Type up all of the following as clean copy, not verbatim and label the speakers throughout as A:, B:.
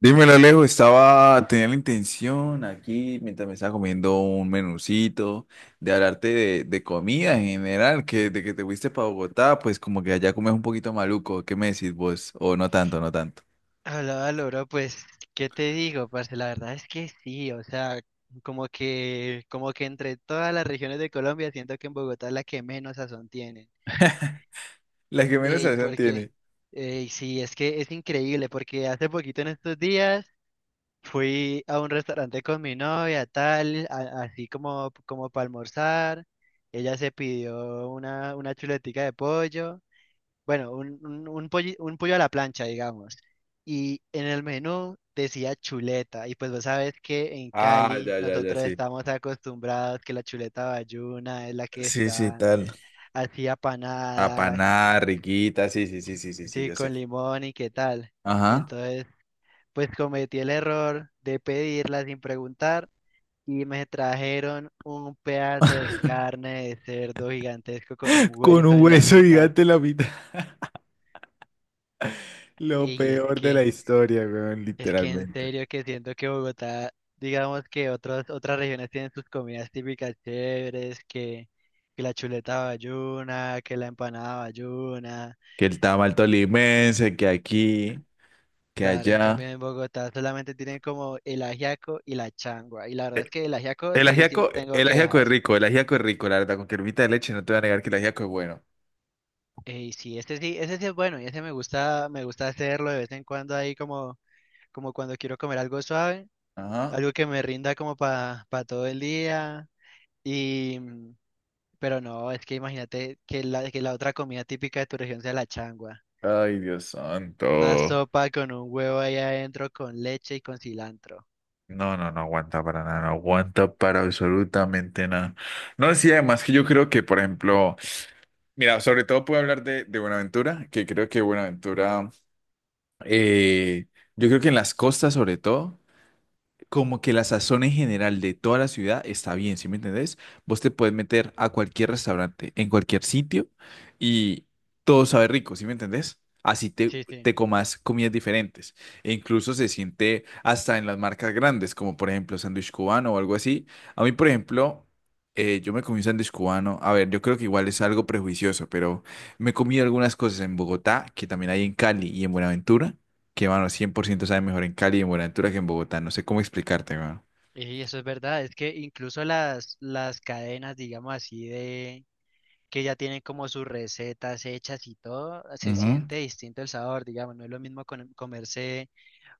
A: Dímelo, Alejo, tenía la intención aquí, mientras me estaba comiendo un menucito, de hablarte de comida en general, que de que te fuiste para Bogotá, pues como que allá comes un poquito maluco. ¿Qué me decís vos? O no tanto, no tanto.
B: Hablaba Loro, pues, ¿qué te digo, parce? La verdad es que sí, o sea, como que entre todas las regiones de Colombia siento que en Bogotá es la que menos sazón tienen.
A: La que menos
B: Ey,
A: sazón
B: porque,
A: tiene.
B: Ey, sí, es que es increíble, porque hace poquito en estos días fui a un restaurante con mi novia, tal, así como, como para almorzar. Ella se pidió una chuletica de pollo. Bueno, un pollo a la plancha, digamos. Y en el menú decía chuleta. Y pues vos sabes que en
A: Ah,
B: Cali
A: ya, ya, ya,
B: nosotros
A: sí.
B: estamos acostumbrados que la chuleta bayuna es la que
A: Sí, sí,
B: está
A: tal.
B: así apanada,
A: Apanada, riquita, sí, sí, sí, sí, sí, sí,
B: sí,
A: yo
B: con
A: sé.
B: limón y qué tal.
A: Ajá.
B: Entonces, pues cometí el error de pedirla sin preguntar y me trajeron un pedazo de carne de cerdo gigantesco con un
A: Con
B: hueso
A: un
B: en la
A: hueso
B: mitad.
A: gigante en la mitad. Lo
B: Y es
A: peor de la
B: que...
A: historia, weón,
B: Es que en
A: literalmente.
B: serio que siento que Bogotá, digamos que otras regiones tienen sus comidas típicas chéveres, que la chuleta bayuna, que la empanada bayuna.
A: Que el tamal tolimense, que aquí. Que
B: Claro, en
A: allá.
B: cambio en Bogotá solamente tienen como el ajiaco y la changua. Y la verdad
A: Eh,
B: es que el ajiaco sí, sí no tengo
A: El ajiaco es
B: quejas.
A: rico, el ajiaco es rico, la verdad, con cremita de leche no te voy a negar que el ajiaco es bueno.
B: Y sí, este sí, ese sí es bueno y ese me gusta hacerlo de vez en cuando ahí como, como cuando quiero comer algo suave,
A: Ajá.
B: algo que me rinda como para todo el día. Y... mm, Pero no, es que imagínate que la otra comida típica de tu región sea la changua.
A: Ay, Dios
B: Una
A: santo.
B: sopa con un huevo ahí adentro, con leche y con cilantro.
A: No, no, no aguanta para nada, no aguanta para absolutamente nada. No, sí, además que yo creo que, por ejemplo, mira, sobre todo puedo hablar de Buenaventura, que creo que Buenaventura, eh, yo creo que en las costas sobre todo. Como que la sazón en general de toda la ciudad está bien, ¿sí me entendés? Vos te puedes meter a cualquier restaurante, en cualquier sitio y todo sabe rico, ¿sí me entendés? Así te,
B: Sí, sí.
A: te comas comidas diferentes. E incluso se siente hasta en las marcas grandes, como por ejemplo sándwich cubano o algo así. A mí, por ejemplo, yo me comí un sándwich cubano. A ver, yo creo que igual es algo prejuicioso, pero me comí algunas cosas en Bogotá, que también hay en Cali y en Buenaventura que, mano, 100% sabe mejor en Cali y en Buenaventura que en Bogotá. No sé cómo explicarte, mano.
B: Y eso es verdad, es que incluso las cadenas, digamos así, de que ya tienen como sus recetas hechas y todo, se
A: Ujú.
B: siente distinto el sabor, digamos, no es lo mismo comerse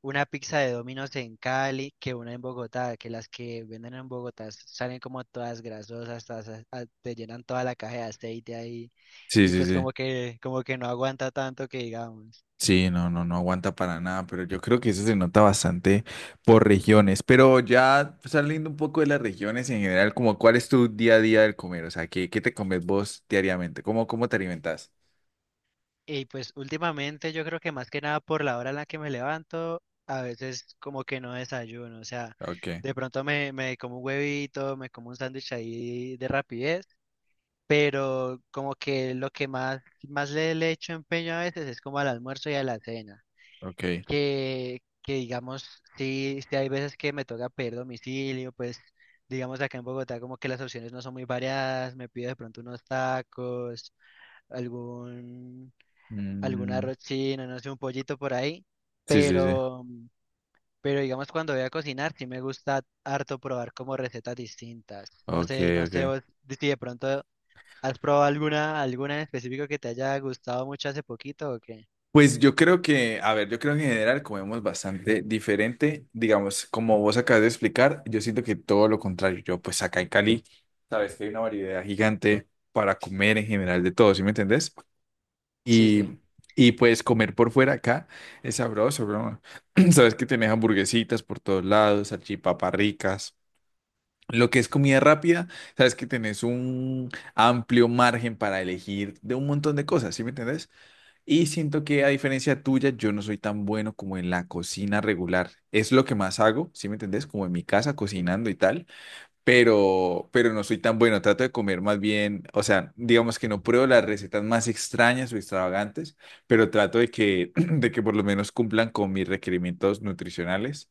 B: una pizza de Domino's en Cali que una en Bogotá, que las que venden en Bogotá salen como todas grasosas, todas, te llenan toda la caja de aceite ahí.
A: Sí,
B: Y
A: sí,
B: pues
A: sí.
B: como que no aguanta tanto que digamos.
A: Sí, no, no, no aguanta para nada, pero yo creo que eso se nota bastante por regiones. Pero ya saliendo un poco de las regiones en general, como cuál es tu día a día del comer, o sea, ¿qué, qué te comes vos diariamente? ¿Cómo te alimentas?
B: Y pues últimamente yo creo que más que nada por la hora en la que me levanto, a veces como que no desayuno, o sea,
A: Ok,
B: de pronto me como un huevito, me como un sándwich ahí de rapidez, pero como que lo que más, más le echo empeño a veces es como al almuerzo y a la cena.
A: ok.
B: que, que digamos, sí, sí hay veces que me toca pedir domicilio, pues digamos acá en Bogotá como que las opciones no son muy variadas, me pido de pronto unos tacos, algún, algún
A: Mm,
B: arroz chino, no sé, un pollito por ahí,
A: sí, sí, sí.
B: pero, pero digamos cuando voy a cocinar sí me gusta harto probar como recetas distintas, no
A: Ok,
B: sé, no sé
A: ok.
B: vos si de pronto has probado alguna, alguna en específico que te haya gustado mucho hace poquito o qué.
A: Pues yo creo que, a ver, yo creo que en general comemos bastante diferente, digamos, como vos acabas de explicar, yo siento que todo lo contrario, yo pues acá en Cali, sabes que hay una variedad gigante para comer en general de todo, ¿sí me entendés?
B: Sí,
A: Y,
B: sí,
A: y pues comer por fuera acá es sabroso, bro. Sabes que tenés hamburguesitas por todos lados, salchipapas ricas. Lo que es comida rápida, sabes que tenés un amplio margen para elegir de un montón de cosas, ¿sí me entendés? Y siento que a diferencia tuya, yo no soy tan bueno como en la cocina regular. Es lo que más hago, ¿sí me entendés? Como en mi casa cocinando y tal, pero no soy tan bueno. Trato de comer más bien, o sea, digamos que no pruebo las recetas más extrañas o extravagantes, pero trato de que, de que por lo menos cumplan con mis requerimientos nutricionales.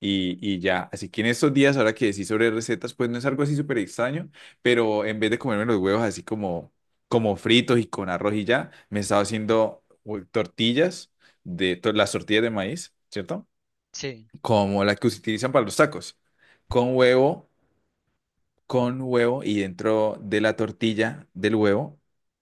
A: Y ya, así que en estos días, ahora que decís sobre recetas, pues no es algo así súper extraño, pero en vez de comerme los huevos así como, como fritos y con arroz y ya, me he estado haciendo tortillas, de las tortillas de maíz, ¿cierto?
B: sí,
A: Como las que se utilizan para los tacos, con huevo con huevo y dentro de la tortilla del huevo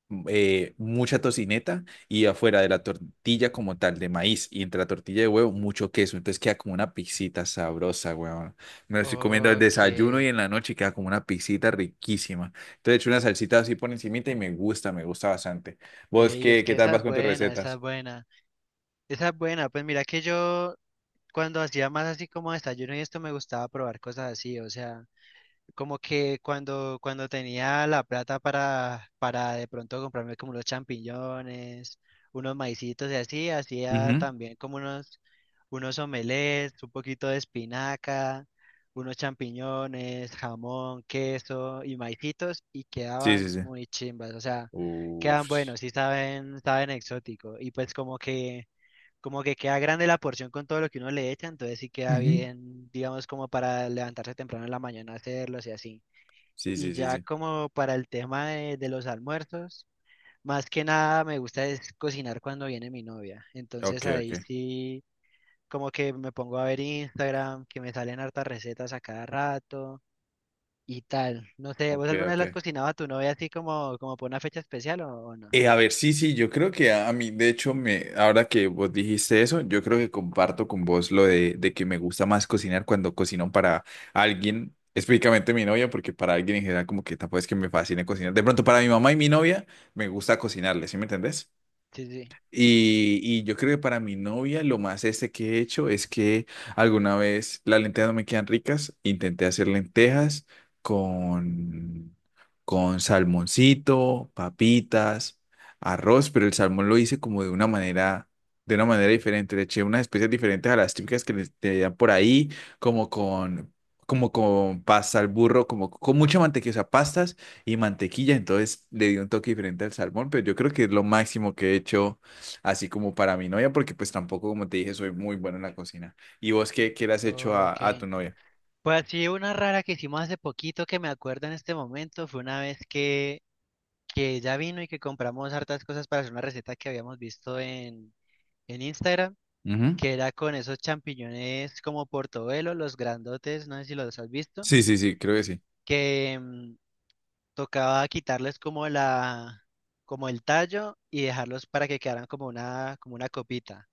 A: mucha tocineta y afuera de la tortilla como tal de maíz y entre la tortilla de huevo mucho queso. Entonces queda como una pizzita sabrosa, huevón. Me lo estoy comiendo al desayuno y
B: ok.
A: en la noche queda como una pizzita riquísima. Entonces he hecho una salsita así por encimita y me gusta bastante. ¿Vos
B: Ey, es
A: qué, qué
B: que
A: tal
B: esa
A: vas
B: es
A: con tus
B: buena, esa es
A: recetas?
B: buena. Esa es buena, pues mira que yo cuando hacía más así como desayuno y esto me gustaba probar cosas así, o sea, como que cuando, cuando tenía la plata para de pronto comprarme como unos champiñones, unos maicitos y así, hacía
A: Ujú.
B: también como unos, unos omelets, un poquito de espinaca, unos champiñones, jamón, queso y maicitos y
A: Sí, sí,
B: quedaban
A: sí.
B: muy chimbas, o sea, quedan
A: Uf.
B: buenos y saben, saben exótico y pues como que queda grande la porción con todo lo que uno le echa, entonces sí queda
A: Ujú.
B: bien, digamos, como para levantarse temprano en la mañana a hacerlos y así.
A: Sí,
B: Y
A: sí, sí,
B: ya
A: sí.
B: como para el tema de los almuerzos, más que nada me gusta es cocinar cuando viene mi novia. Entonces
A: Ok,
B: ahí
A: ok.
B: sí, como que me pongo a ver Instagram, que me salen hartas recetas a cada rato y tal. No sé, ¿vos
A: Ok,
B: alguna vez
A: ok.
B: las cocinaba a tu novia así como, como por una fecha especial o no?
A: A ver, sí, sí, yo creo que a mí, de hecho, ahora que vos dijiste eso, yo creo que comparto con vos lo de que me gusta más cocinar cuando cocino para alguien, específicamente mi novia, porque para alguien en general como que tampoco es que me fascine cocinar. De pronto, para mi mamá y mi novia, me gusta cocinarle, ¿sí me entendés?
B: Sí, sí.
A: Y yo creo que para mi novia lo más este que he hecho es que alguna vez las lentejas no me quedan ricas, intenté hacer lentejas con, con salmoncito, papitas, arroz, pero el salmón lo hice como de una manera diferente, le eché unas especias diferentes a las típicas que le te dan por ahí, como con, como con pasta al burro, como con mucha mantequilla, o sea, pastas y mantequilla, entonces le di un toque diferente al salmón, pero yo creo que es lo máximo que he hecho así como para mi novia, porque pues tampoco, como te dije, soy muy bueno en la cocina. ¿Y vos qué, qué le has hecho a,
B: Ok.
A: a tu novia?
B: Pues sí, una rara que hicimos hace poquito que me acuerdo en este momento fue una vez que ella vino y que compramos hartas cosas para hacer una receta que habíamos visto en Instagram,
A: Ujú.
B: que era con esos champiñones como portobelo, los grandotes, no sé si los has visto,
A: Sí, sí, sí, creo que sí.
B: que mm, tocaba quitarles como como el tallo y dejarlos para que quedaran como una copita.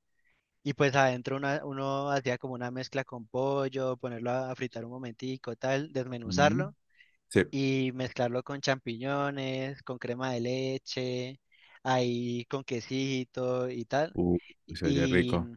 B: Y pues adentro uno hacía como una mezcla con pollo, ponerlo a fritar un momentico, tal,
A: Ujú.
B: desmenuzarlo
A: Sí.
B: y mezclarlo con champiñones, con crema de leche, ahí con quesito y tal.
A: Uh, se oye
B: Y,
A: rico.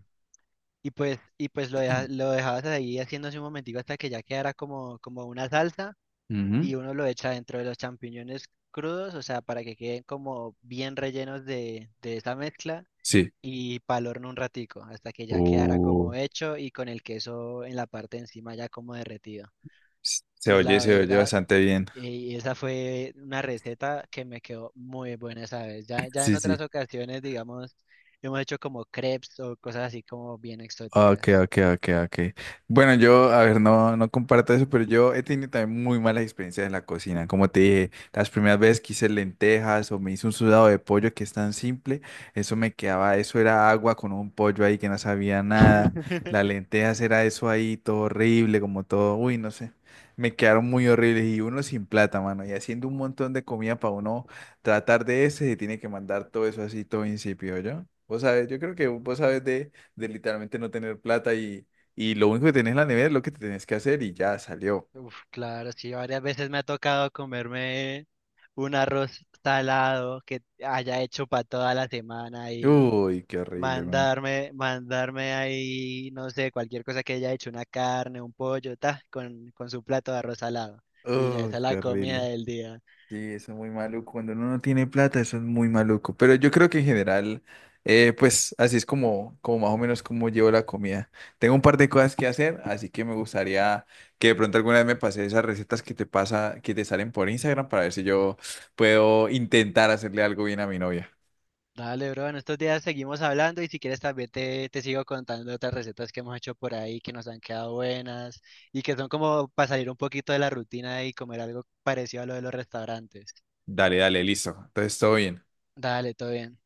B: lo dejabas ahí haciéndose un momentico hasta que ya quedara como, como una salsa
A: Ujú.
B: y uno lo echa dentro de los champiñones crudos, o sea, para que queden como bien rellenos de esa mezcla
A: Sí.
B: y pa'l horno un ratico hasta que ya quedara
A: Uh,
B: como hecho y con el queso en la parte de encima ya como derretido.
A: se
B: Y
A: oye,
B: la
A: se oye
B: verdad...
A: bastante bien.
B: Y esa fue una receta que me quedó muy buena esa vez. Ya en
A: Sí, sí.
B: otras ocasiones, digamos, hemos hecho como crepes o cosas así como bien
A: Ok,
B: exóticas.
A: ok, ok, ok. Bueno, yo, a ver, no, no comparto eso, pero yo he tenido también muy malas experiencias en la cocina. Como te dije, las primeras veces que hice lentejas o me hice un sudado de pollo que es tan simple, eso me quedaba, eso era agua con un pollo ahí que no sabía nada. Las lentejas era eso ahí, todo horrible, como todo, uy, no sé. Me quedaron muy horribles y uno sin plata, mano, y haciendo un montón de comida para uno tratar de ese, se tiene que mandar todo eso así, todo insípido, ¿yo? Vos sabés, yo creo que vos sabés de literalmente no tener plata y lo único que tenés en la nevera es lo que te tenés que hacer y ya salió.
B: Uf, claro, sí, varias veces me ha tocado comerme un arroz salado que haya hecho para toda la semana y
A: Uy, qué horrible, man.
B: mandarme ahí, no sé, cualquier cosa que haya hecho, una carne, un pollo, ta, con su plato de arroz salado. Y ya esa
A: Uy,
B: es
A: qué
B: la comida
A: horrible.
B: del día.
A: Sí, eso es muy maluco. Cuando uno no tiene plata, eso es muy maluco. Pero yo creo que en general, pues así es como más o menos como llevo la comida. Tengo un par de cosas que hacer, así que me gustaría que de pronto alguna vez me pase esas recetas que te pasa, que te salen por Instagram para ver si yo puedo intentar hacerle algo bien a mi novia.
B: Dale, bro, en estos días seguimos hablando y si quieres también te sigo contando otras recetas que hemos hecho por ahí que nos han quedado buenas y que son como para salir un poquito de la rutina y comer algo parecido a lo de los restaurantes.
A: Dale, dale, listo. Entonces, todo bien.
B: Dale, todo bien.